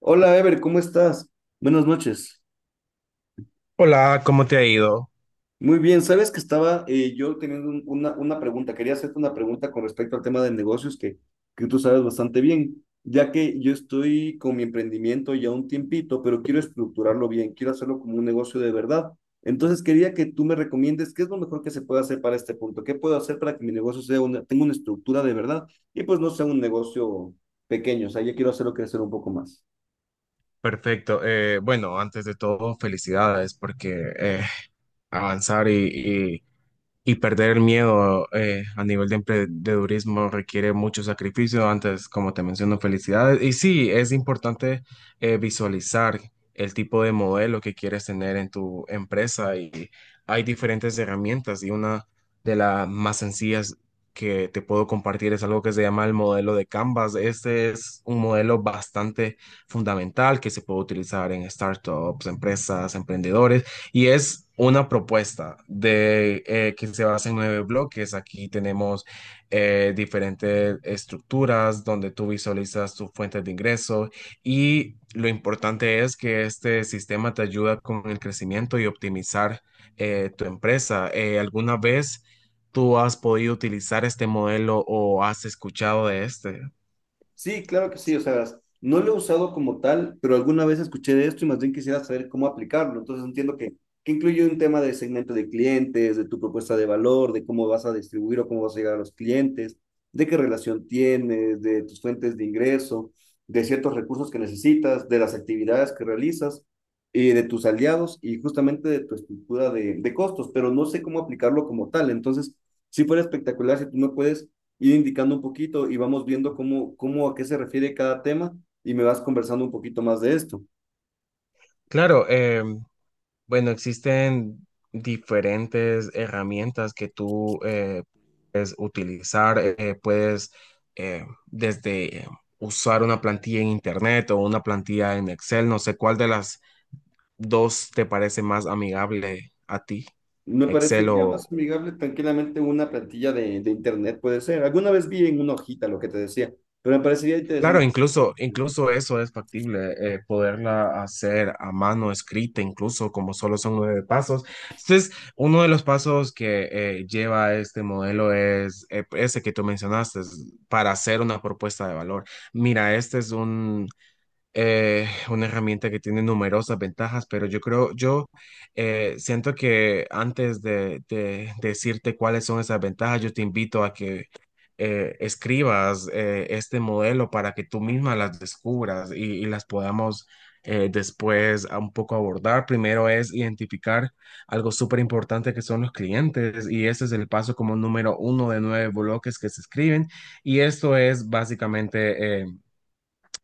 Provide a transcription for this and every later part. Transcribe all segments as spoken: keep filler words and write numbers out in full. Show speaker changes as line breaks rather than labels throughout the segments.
Hola, Ever, ¿cómo estás? Buenas noches.
Hola, ¿cómo te ha ido?
Muy bien, sabes que estaba eh, yo teniendo un- una, una pregunta, quería hacerte una pregunta con respecto al tema de negocios que, que tú sabes bastante bien, ya que yo estoy con mi emprendimiento ya un tiempito, pero quiero estructurarlo bien, quiero hacerlo como un negocio de verdad. Entonces quería que tú me recomiendes qué es lo mejor que se puede hacer para este punto, qué puedo hacer para que mi negocio sea una, tenga una estructura de verdad y pues no sea un negocio pequeño, o sea, yo quiero hacerlo crecer un poco más.
Perfecto. Eh, bueno, antes de todo, felicidades porque eh, avanzar y, Y perder el miedo eh, a nivel de emprendedurismo requiere mucho sacrificio. Antes, como te menciono, felicidades. Y sí, es importante eh, visualizar el tipo de modelo que quieres tener en tu empresa. Y hay diferentes herramientas, y una de las más sencillas que te puedo compartir es algo que se llama el modelo de Canvas. Este es un modelo bastante fundamental que se puede utilizar en startups, empresas, emprendedores. Y es una propuesta de, eh, que se basa en nueve bloques. Aquí tenemos eh, diferentes estructuras donde tú visualizas tus fuentes de ingreso, y lo importante es que este sistema te ayuda con el crecimiento y optimizar eh, tu empresa. Eh, ¿alguna vez tú has podido utilizar este modelo o has escuchado de este?
Sí, claro que sí, o sea, verás, no lo he usado como tal, pero alguna vez escuché de esto y más bien quisiera saber cómo aplicarlo. Entonces entiendo que, que incluye un tema de segmento de clientes, de tu propuesta de valor, de cómo vas a distribuir o cómo vas a llegar a los clientes, de qué relación tienes, de tus fuentes de ingreso, de ciertos recursos que necesitas, de las actividades que realizas, y de tus aliados y justamente de tu estructura de, de costos, pero no sé cómo aplicarlo como tal. Entonces, sí fuera espectacular si tú me puedes ir indicando un poquito y vamos viendo cómo, cómo a qué se refiere cada tema y me vas conversando un poquito más de esto.
Claro. em, Bueno, existen diferentes herramientas que tú eh, puedes utilizar. Eh, puedes, eh, desde eh, usar una plantilla en Internet o una plantilla en Excel. No sé cuál de las dos te parece más amigable a ti,
Me
¿Excel
parecería
o...?
más amigable tranquilamente una plantilla de, de internet, puede ser. Alguna vez vi en una hojita lo que te decía, pero me parecería
Claro,
interesante.
incluso, incluso eso es factible, eh, poderla hacer a mano escrita, incluso como solo son nueve pasos. Entonces, uno de los pasos que eh, lleva este modelo es eh, ese que tú mencionaste, es para hacer una propuesta de valor. Mira, este es un, eh, una herramienta que tiene numerosas ventajas, pero yo creo, yo eh, siento que antes de, de decirte cuáles son esas ventajas, yo te invito a que eh, escribas eh, este modelo para que tú misma las descubras y, y las podamos eh, después a un poco abordar. Primero es identificar algo súper importante que son los clientes, y ese es el paso como número uno de nueve bloques que se escriben, y esto es básicamente... eh,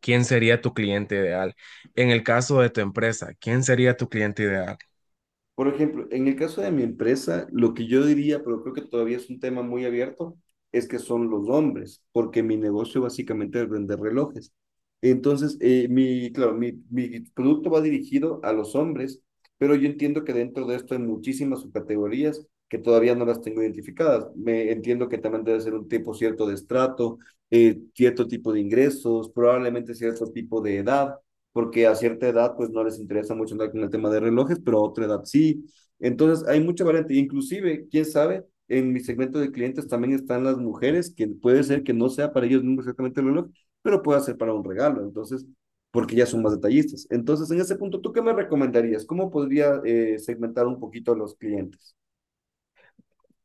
¿quién sería tu cliente ideal? En el caso de tu empresa, ¿quién sería tu cliente ideal?
Por ejemplo, en el caso de mi empresa, lo que yo diría, pero creo que todavía es un tema muy abierto, es que son los hombres, porque mi negocio básicamente es vender relojes. Entonces, eh, mi, claro, mi, mi producto va dirigido a los hombres, pero yo entiendo que dentro de esto hay muchísimas subcategorías que todavía no las tengo identificadas. Me entiendo que también debe ser un tipo cierto de estrato, eh, cierto tipo de ingresos, probablemente cierto tipo de edad porque a cierta edad pues no les interesa mucho andar con el tema de relojes, pero a otra edad sí. Entonces hay mucha variante, inclusive, quién sabe, en mi segmento de clientes también están las mujeres, que puede ser que no sea para ellos mismos exactamente el reloj, pero puede ser para un regalo, entonces, porque ya son más detallistas. Entonces, en ese punto, ¿tú qué me recomendarías? ¿Cómo podría eh, segmentar un poquito a los clientes?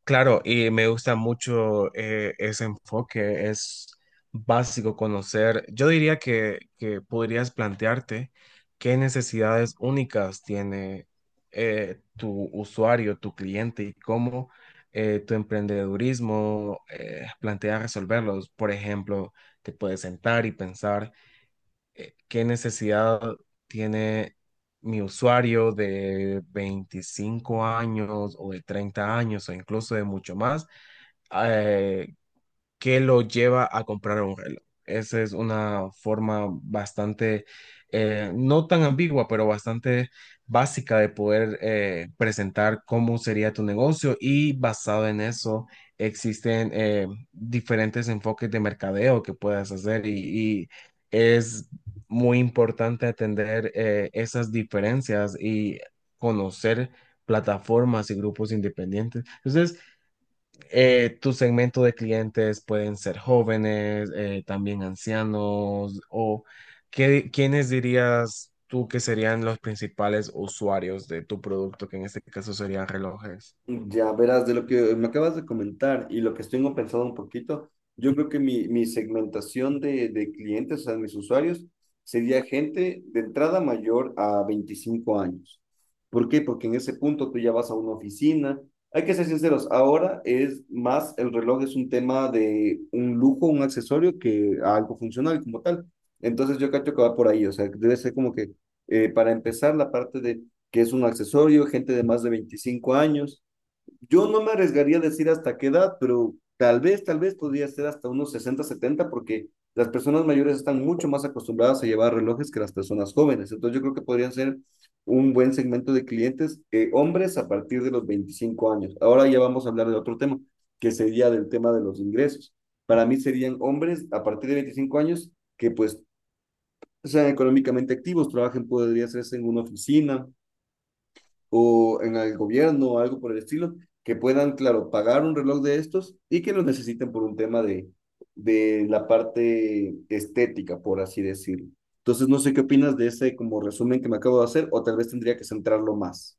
Claro, y me gusta mucho eh, ese enfoque, es básico conocer. Yo diría que, que podrías plantearte qué necesidades únicas tiene eh, tu usuario, tu cliente, y cómo eh, tu emprendedurismo eh, plantea resolverlos. Por ejemplo, te puedes sentar y pensar. Eh, ¿qué necesidad tiene mi usuario de veinticinco años, o de treinta años, o incluso de mucho más? Eh, que lo lleva a comprar un reloj. Esa es una forma bastante, eh, no tan ambigua, pero bastante básica de poder eh, presentar cómo sería tu negocio, y basado en eso existen eh, diferentes enfoques de mercadeo que puedes hacer, y, y es muy importante atender eh, esas diferencias y conocer plataformas y grupos independientes. Entonces, eh, tu segmento de clientes pueden ser jóvenes, eh, también ancianos, o qué, ¿quiénes dirías tú que serían los principales usuarios de tu producto, que en este caso serían relojes?
Ya verás, de lo que me acabas de comentar y lo que tengo pensado un poquito, yo creo que mi, mi segmentación de, de clientes, o sea, mis usuarios, sería gente de entrada mayor a veinticinco años. ¿Por qué? Porque en ese punto tú ya vas a una oficina. Hay que ser sinceros, ahora es más, el reloj es un tema de un lujo, un accesorio que algo funcional como tal. Entonces yo cacho que va por ahí, o sea, debe ser como que eh, para empezar la parte de que es un accesorio, gente de más de veinticinco años. Yo no me arriesgaría a decir hasta qué edad, pero tal vez, tal vez podría ser hasta unos sesenta setenta porque las personas mayores están mucho más acostumbradas a llevar relojes que las personas jóvenes. Entonces yo creo que podrían ser un buen segmento de clientes, eh, hombres a partir de los veinticinco años. Ahora ya vamos a hablar de otro tema, que sería del tema de los ingresos. Para mí serían hombres a partir de veinticinco años que pues sean económicamente activos, trabajen, podría hacerse en una oficina, o en el gobierno o algo por el estilo, que puedan, claro, pagar un reloj de estos y que lo necesiten por un tema de, de la parte estética, por así decirlo. Entonces, no sé qué opinas de ese como resumen que me acabo de hacer, o tal vez tendría que centrarlo más.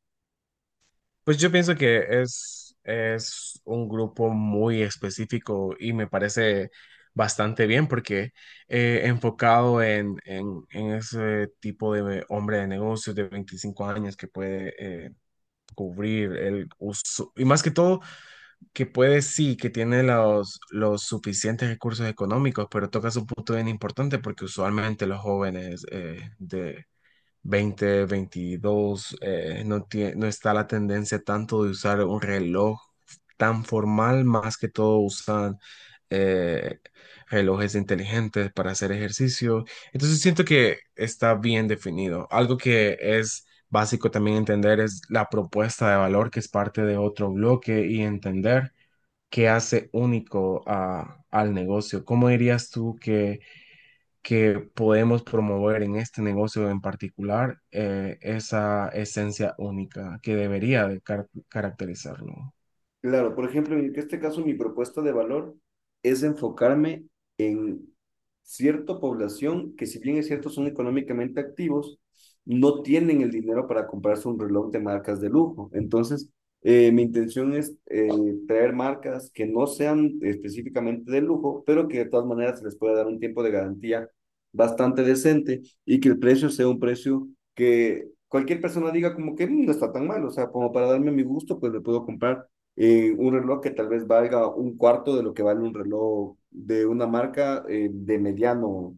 Pues yo pienso que es, es un grupo muy específico, y me parece bastante bien porque eh, enfocado en, en- en ese tipo de hombre de negocios de veinticinco años que puede... eh, cubrir el uso, y más que todo que puede, sí, que tiene los, los suficientes recursos económicos, pero tocas un punto bien importante porque usualmente los jóvenes eh, de veinte veintidós eh, no, tie- no está la tendencia tanto de usar un reloj tan formal, más que todo usan eh, relojes inteligentes para hacer ejercicio. Entonces siento que está bien definido. Algo que es básico también entender es la propuesta de valor, que es parte de otro bloque, y entender que hace único a- al negocio. ¿Cómo dirías tú que, que podemos promover en este negocio en particular eh, esa esencia única que debería de car- caracterizarlo?
Claro, por ejemplo, en este caso mi propuesta de valor es enfocarme en cierta población que si bien es cierto son económicamente activos, no tienen el dinero para comprarse un reloj de marcas de lujo. Entonces, eh, mi intención es eh, traer marcas que no sean específicamente de lujo, pero que de todas maneras se les pueda dar un tiempo de garantía bastante decente y que el precio sea un precio que cualquier persona diga como que "Mm, no está tan mal, o sea, como para darme mi gusto, pues le puedo comprar eh, un reloj que tal vez valga un cuarto de lo que vale un reloj de una marca eh, de mediano,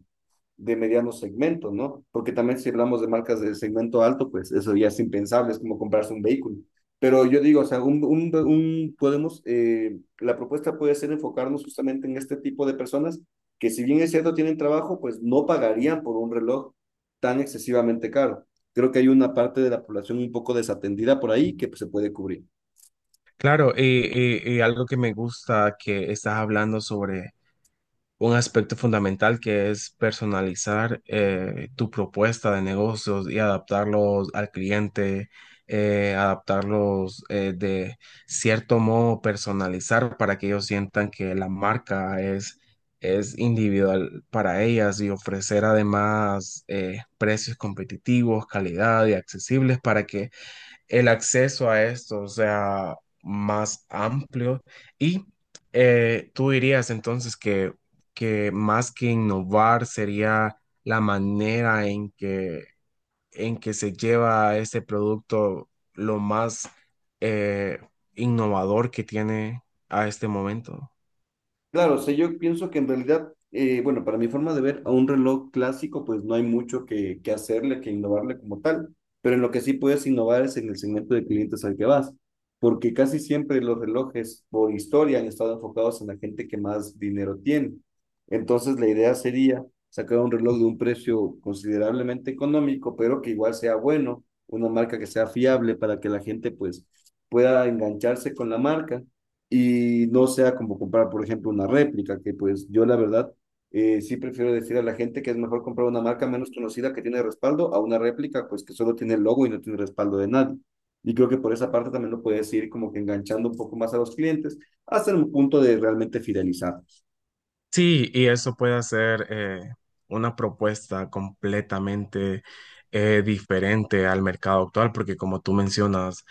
de mediano segmento, ¿no?". Porque también si hablamos de marcas de segmento alto, pues eso ya es impensable, es como comprarse un vehículo. Pero yo digo, o sea, un, un, un- podemos, eh, la propuesta puede ser enfocarnos justamente en este tipo de personas que si bien es cierto tienen trabajo, pues no pagarían por un reloj tan excesivamente caro. Creo que hay una parte de la población un poco desatendida por ahí que pues, se puede cubrir.
Claro, y, y- y algo que me gusta que estás hablando sobre un aspecto fundamental que es personalizar eh, tu propuesta de negocios y adaptarlos al cliente, eh, adaptarlos eh, de cierto modo, personalizar para que ellos sientan que la marca es, es individual para ellas, y ofrecer además eh, precios competitivos, calidad y accesibles para que el acceso a esto sea más amplio, y eh, tú dirías entonces que, que más que innovar sería la manera en que, en que se lleva este producto lo más eh, innovador que tiene a este momento.
Claro, o sea, yo pienso que en realidad, eh, bueno, para mi forma de ver, a un reloj clásico, pues no hay mucho que, que hacerle, que innovarle como tal, pero en lo que sí puedes innovar es en el segmento de clientes al que vas, porque casi siempre los relojes por historia han estado enfocados en la gente que más dinero tiene. Entonces, la idea sería sacar un reloj de un precio considerablemente económico, pero que igual sea bueno, una marca que sea fiable para que la gente pues pueda engancharse con la marca y no sea como comprar, por ejemplo, una réplica, que pues yo la verdad, eh, sí prefiero decir a la gente que es mejor comprar una marca menos conocida que tiene respaldo a una réplica pues que solo tiene el logo y no tiene respaldo de nadie. Y creo que por esa parte también lo puedes ir como que enganchando un poco más a los clientes hasta un punto de realmente fidelizarlos.
Sí, y eso puede hacer eh, una propuesta completamente eh, diferente al mercado actual, porque como tú mencionas,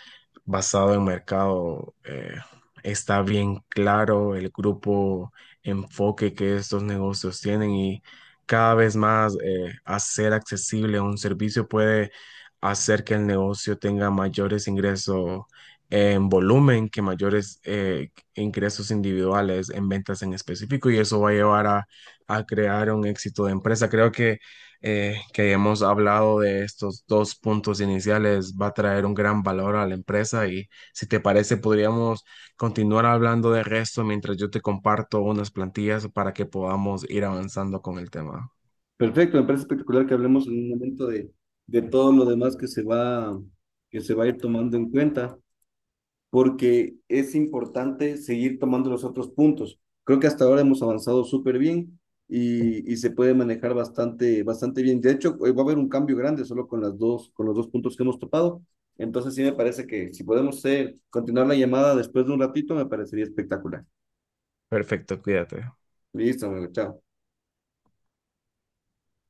basado en mercado, eh, está bien claro el grupo enfoque que estos negocios tienen, y cada vez más eh, hacer accesible un servicio puede hacer que el negocio tenga mayores ingresos en volumen, que mayores, eh, ingresos individuales en ventas en específico, y eso va a llevar a, a crear un éxito de empresa. Creo que, eh, que hemos hablado de estos dos puntos iniciales, va a traer un gran valor a la empresa, y si te parece podríamos continuar hablando de resto mientras yo te comparto unas plantillas para que podamos ir avanzando con el tema.
Perfecto, me parece espectacular que hablemos en un momento de, de todo lo demás que se va, que se va a ir tomando en cuenta, porque es importante seguir tomando los otros puntos. Creo que hasta ahora hemos avanzado súper bien y, y, se puede manejar bastante, bastante bien. De hecho, eh, va a haber un cambio grande solo con, las dos, con los dos puntos que hemos topado. Entonces sí me parece que si podemos ser, continuar la llamada después de un ratito, me parecería espectacular.
Perfecto, cuídate.
Listo, amigo, chao.